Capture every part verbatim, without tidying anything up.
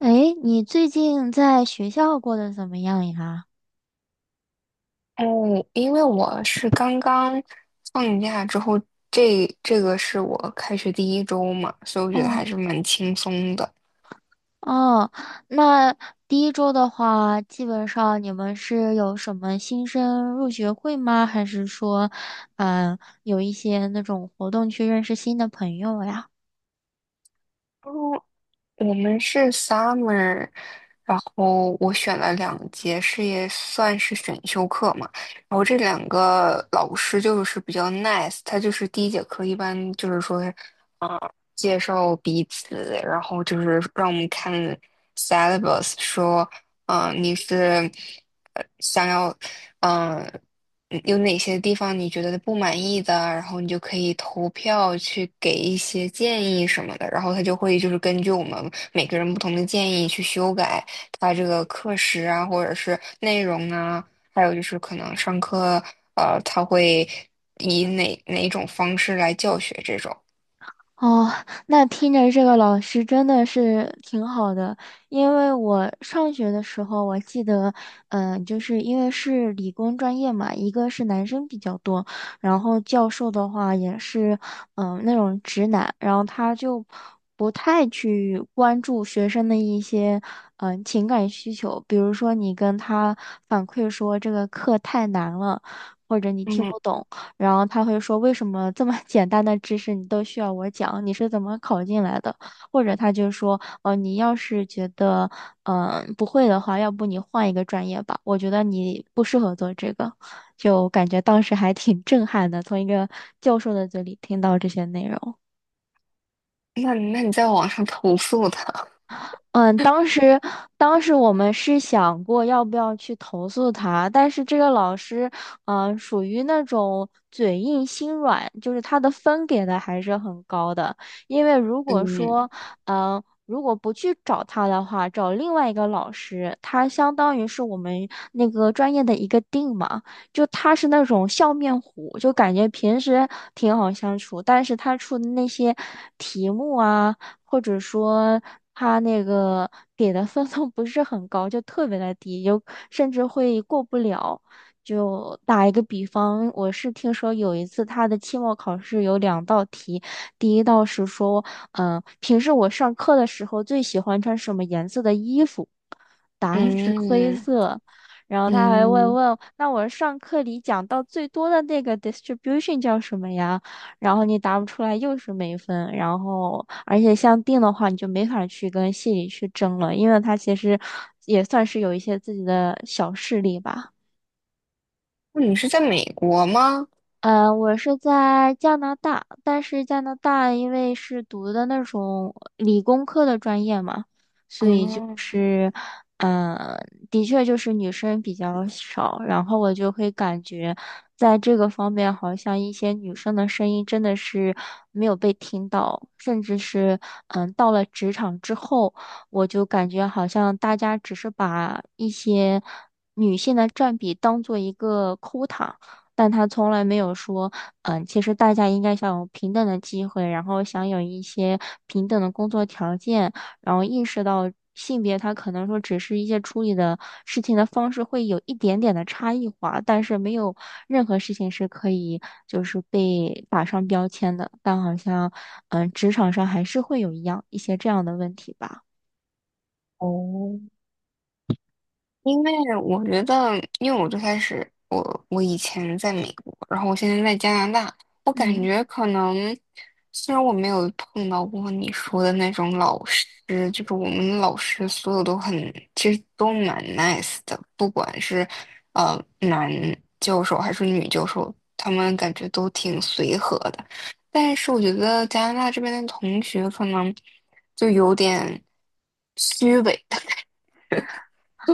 诶，你最近在学校过得怎么样呀？嗯，因为我是刚刚放假之后，这这个是我开学第一周嘛，所以我觉得还哦是蛮轻松的。哦，那第一周的话，基本上你们是有什么新生入学会吗？还是说，嗯、有一些那种活动去认识新的朋友呀？然我们是 summer,然后我选了两节，是也算是选修课嘛。然后这两个老师就是比较 nice,他就是第一节课一般就是说，啊、介绍彼此，然后就是让我们看 syllabus,说，嗯、你是呃想要，嗯嗯有哪些地方你觉得不满意的，然后你就可以投票去给一些建议什么的，然后他就会就是根据我们每个人不同的建议去修改他这个课时啊，或者是内容啊。还有就是可能上课，呃，他会以哪哪一种方式来教学这种。哦，那听着这个老师真的是挺好的，因为我上学的时候，我记得，嗯、就是因为是理工专业嘛，一个是男生比较多，然后教授的话也是，嗯、那种直男，然后他就不太去关注学生的一些，嗯、情感需求，比如说你跟他反馈说这个课太难了，或者你听嗯，不懂。然后他会说为什么这么 简单的知识你都需要我讲？你是怎么考进来的？或者他就说，哦，你要是觉得嗯、呃不会的话，要不你换一个专业吧，我觉得你不适合做这个。就感觉当时还挺 震撼的，从一个教授的嘴里听到这些内容。那那你在网上投诉他？嗯，当时当时我们是想过要不要去投诉他，但是这个老师，嗯、属于那种嘴硬心软，就是他的分给的还是很高的。因为如果说，嗯嗯、如果不去找他的话，找另外一个老师，他相当于是我们那个专业的一个定嘛，就他是那种笑面虎，就感觉平时挺好相处，但是他出的那些题目啊。或者说他那个给的分数不是很高，就特别的低，有甚至会过不了。就打一个比方，我是听说有一次他的期末考试有两道题，第一道是说，嗯、平时我上课的时候最喜欢穿什么颜色的衣服？答案是灰嗯色。然后他还问嗯，问，那我上课里讲到最多的那个 distribution 叫什么呀？然后你答不出来又是没分。然后而且像定的话，你就没法去跟系里去争了，因为他其实也算是有一些自己的小势力吧。那你是在美国吗？呃，我是在加拿大，但是加拿大因为是读的那种理工科的专业嘛，所以就嗯，是，嗯、的确就是女生比较少，然后我就会感觉，在这个方面，好像一些女生的声音真的是没有被听到，甚至是，嗯、到了职场之后，我就感觉好像大家只是把一些女性的占比当做一个 quota。但他从来没有说，嗯，其实大家应该享有平等的机会，然后享有一些平等的工作条件，然后意识到性别他可能说只是一些处理的事情的方式会有一点点的差异化，但是没有任何事情是可以就是被打上标签的。但好像，嗯，职场上还是会有一样一些这样的问题吧。哦，因为我觉得，因为我最开始，我我以前在美国，然后我现在在加拿大，我感嗯。觉可能，虽然我没有碰到过你说的那种老师，就是我们老师所有都很，其实都蛮 nice 的，不管是呃男教授还是女教授，他们感觉都挺随和的。但是我觉得加拿大这边的同学可能就有点虚伪。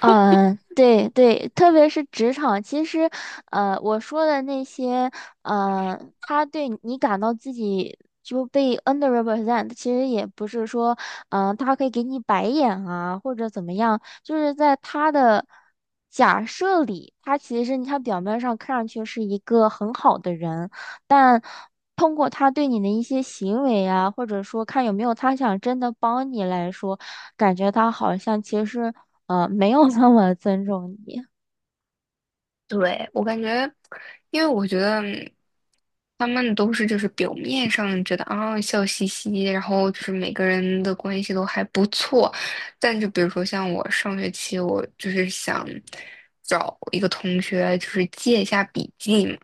嗯，对对，特别是职场，其实，呃，我说的那些，呃，他对你感到自己就被 underrepresent，其实也不是说，嗯、他可以给你白眼啊，或者怎么样，就是在他的假设里，他其实他表面上看上去是一个很好的人，但通过他对你的一些行为啊，或者说看有没有他想真的帮你来说，感觉他好像其实。呃，没有那么尊重你。对，我感觉，因为我觉得他们都是就是表面上觉得啊笑嘻嘻，然后就是每个人的关系都还不错，但就比如说像我上学期，我就是想找一个同学就是借一下笔记嘛，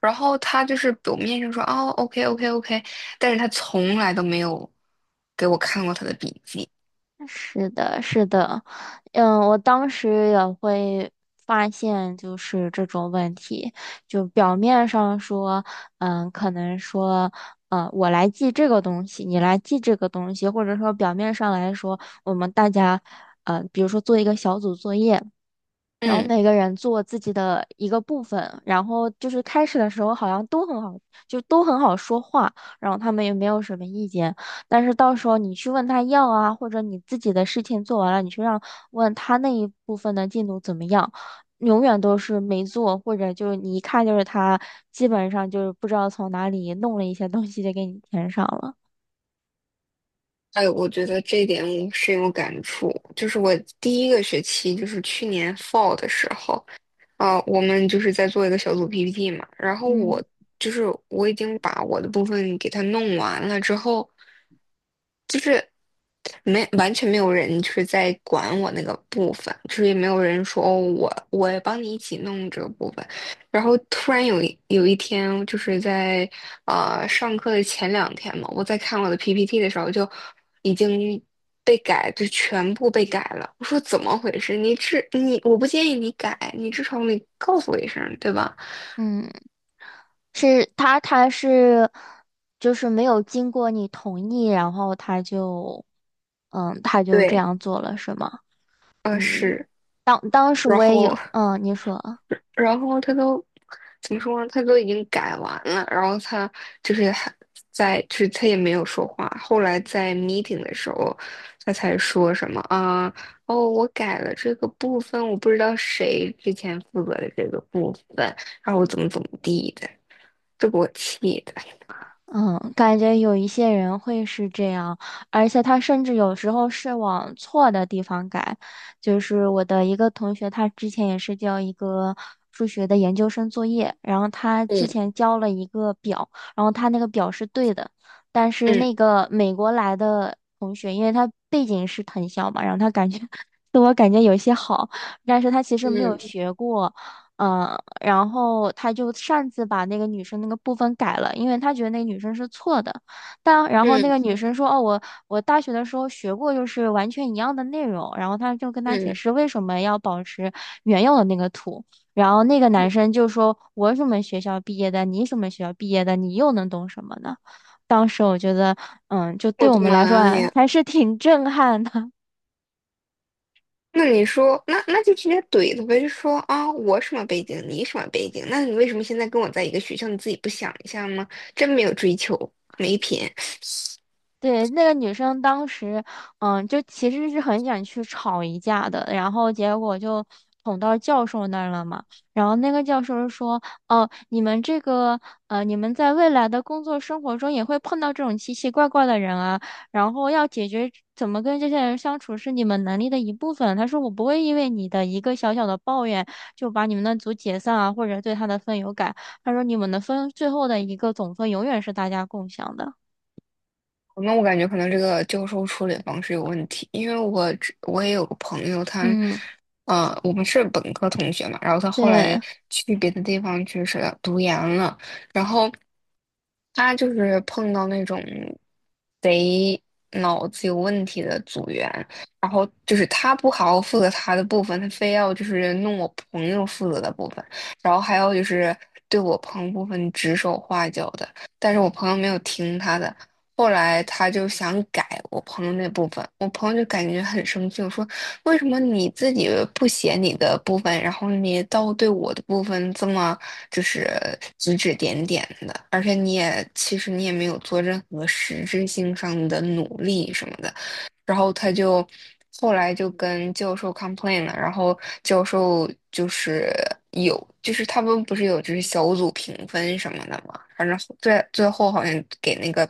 然后他就是表面上说哦 OK OK OK,但是他从来都没有给我看过他的笔记，是的，是的，嗯，我当时也会发现，就是这种问题，就表面上说，嗯，可能说，嗯，我来记这个东西，你来记这个东西，或者说表面上来说，我们大家，呃，比如说做一个小组作业。然后嗯。每个人做自己的一个部分，然后就是开始的时候好像都很好，就都很好说话，然后他们也没有什么意见。但是到时候你去问他要啊，或者你自己的事情做完了，你去让问他那一部分的进度怎么样，永远都是没做，或者就是你一看就是他基本上就是不知道从哪里弄了一些东西就给你填上了。哎，我觉得这一点我深有感触。就是我第一个学期，就是去年 fall 的时候，啊、我们就是在做一个小组 P P T 嘛。然后我嗯就是我已经把我的部分给它弄完了之后，就是没完全没有人就是在管我那个部分，就是也没有人说哦，我我帮你一起弄这个部分。然后突然有一有一天，就是在呃上课的前两天嘛，我在看我的 P P T 的时候，就已经被改，就全部被改了。我说怎么回事？你至你，我不建议你改，你至少你告诉我一声，对吧？嗯。是他，他是就是没有经过你同意，然后他就，嗯，他就这对，样做了，是吗？呃嗯，是，当当时然我也后有，嗯，你说。然后他都怎么说呢？他都已经改完了，然后他就是还在，就是他也没有说话。后来在 meeting 的时候，他才说什么啊？哦，我改了这个部分，我不知道谁之前负责的这个部分，然后我怎么怎么地的，这给我气的。嗯，感觉有一些人会是这样，而且他甚至有时候是往错的地方改。就是我的一个同学，他之前也是交一个数学的研究生作业，然后他之前嗯交了一个表，然后他那个表是对的，但是嗯那个美国来的同学，因为他背景是藤校嘛，然后他感觉 自我感觉有些好，但是他其实没有嗯学过。嗯，呃然后他就擅自把那个女生那个部分改了，因为他觉得那个女生是错的。但然后那嗯个女生说：“哦，我我大学的时候学过，就是完全一样的内容。”然后他就跟他解嗯释为什么要保持原有的那个图。然后那个嗯，男生就说：“我什么学校毕业的？你什么学校毕业的？你又能懂什么呢？”当时我觉得，嗯，就我对我的们来说妈啊呀！还是挺震撼的。那你说，那那就直接怼他呗，就说啊，我什么背景，你什么背景，那你为什么现在跟我在一个学校，你自己不想一下吗？真没有追求，没品。对，那个女生当时，嗯，就其实是很想去吵一架的，然后结果就捅到教授那儿了嘛。然后那个教授说：“哦，你们这个，呃，你们在未来的工作生活中也会碰到这种奇奇怪怪的人啊，然后要解决怎么跟这些人相处是你们能力的一部分。”他说：“我不会因为你的一个小小的抱怨就把你们的组解散啊，或者对他的分有改。”他说：“你们的分最后的一个总分永远是大家共享的。”那我感觉可能这个教授处理方式有问题，因为我之我也有个朋友，他，嗯，呃，我们是本科同学嘛，然后他后来对。去别的地方去是读研了，然后他就是碰到那种贼脑子有问题的组员，然后就是他不好好负责他的部分，他非要就是弄我朋友负责的部分，然后还有就是对我朋友部分指手画脚的。但是我朋友没有听他的，后来他就想改我朋友那部分，我朋友就感觉很生气，我说为什么你自己不写你的部分，然后你倒对我的部分这么就是指指点点的，而且你也其实你也没有做任何实质性上的努力什么的。然后他就后来就跟教授 complain 了，然后教授就是有，就是他们不是有就是小组评分什么的嘛，反正最最后好像给那个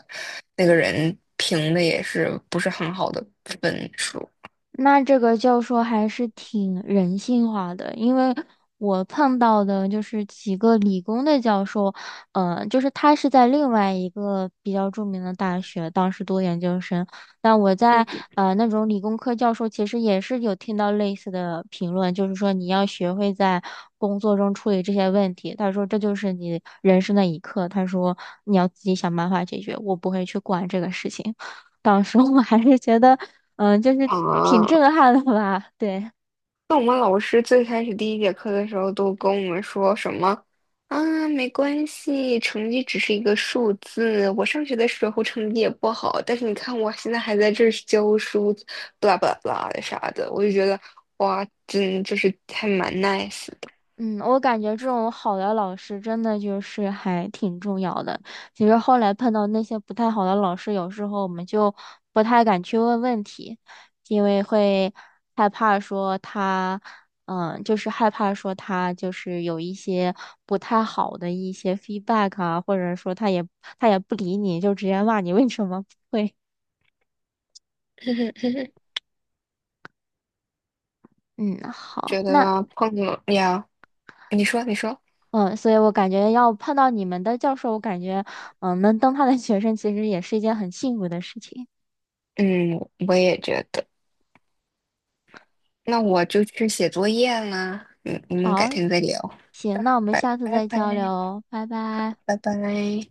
那个人评的也是不是很好的分数，那这个教授还是挺人性化的，因为我碰到的就是几个理工的教授，呃，就是他是在另外一个比较著名的大学，当时读研究生。但我在嗯呃那种理工科教授，其实也是有听到类似的评论，就是说你要学会在工作中处理这些问题。他说这就是你人生的一课，他说你要自己想办法解决，我不会去管这个事情。当时我还是觉得，嗯，就是挺啊。震撼的吧？对，那我们老师最开始第一节课的时候都跟我们说什么啊，没关系，成绩只是一个数字。我上学的时候成绩也不好，但是你看我现在还在这儿教书，巴拉巴拉不啦的啥的，我就觉得哇，真就是还蛮 nice 的。嗯，我感觉这种好的老师真的就是还挺重要的。其实后来碰到那些不太好的老师，有时候我们就不太敢去问问题，因为会害怕说他，嗯，就是害怕说他就是有一些不太好的一些 feedback 啊，或者说他也他也不理你，就直接骂你为什么不会。嗯，觉好，那。得碰了呀，你说你说，嗯，所以我感觉要碰到你们的教授，我感觉，嗯，能当他的学生其实也是一件很幸福的事情。嗯，我也觉得。那我就去写作业啦，嗯，我们改好，天再聊，行，那我们拜下次拜再拜交流哦拜拜。拜拜。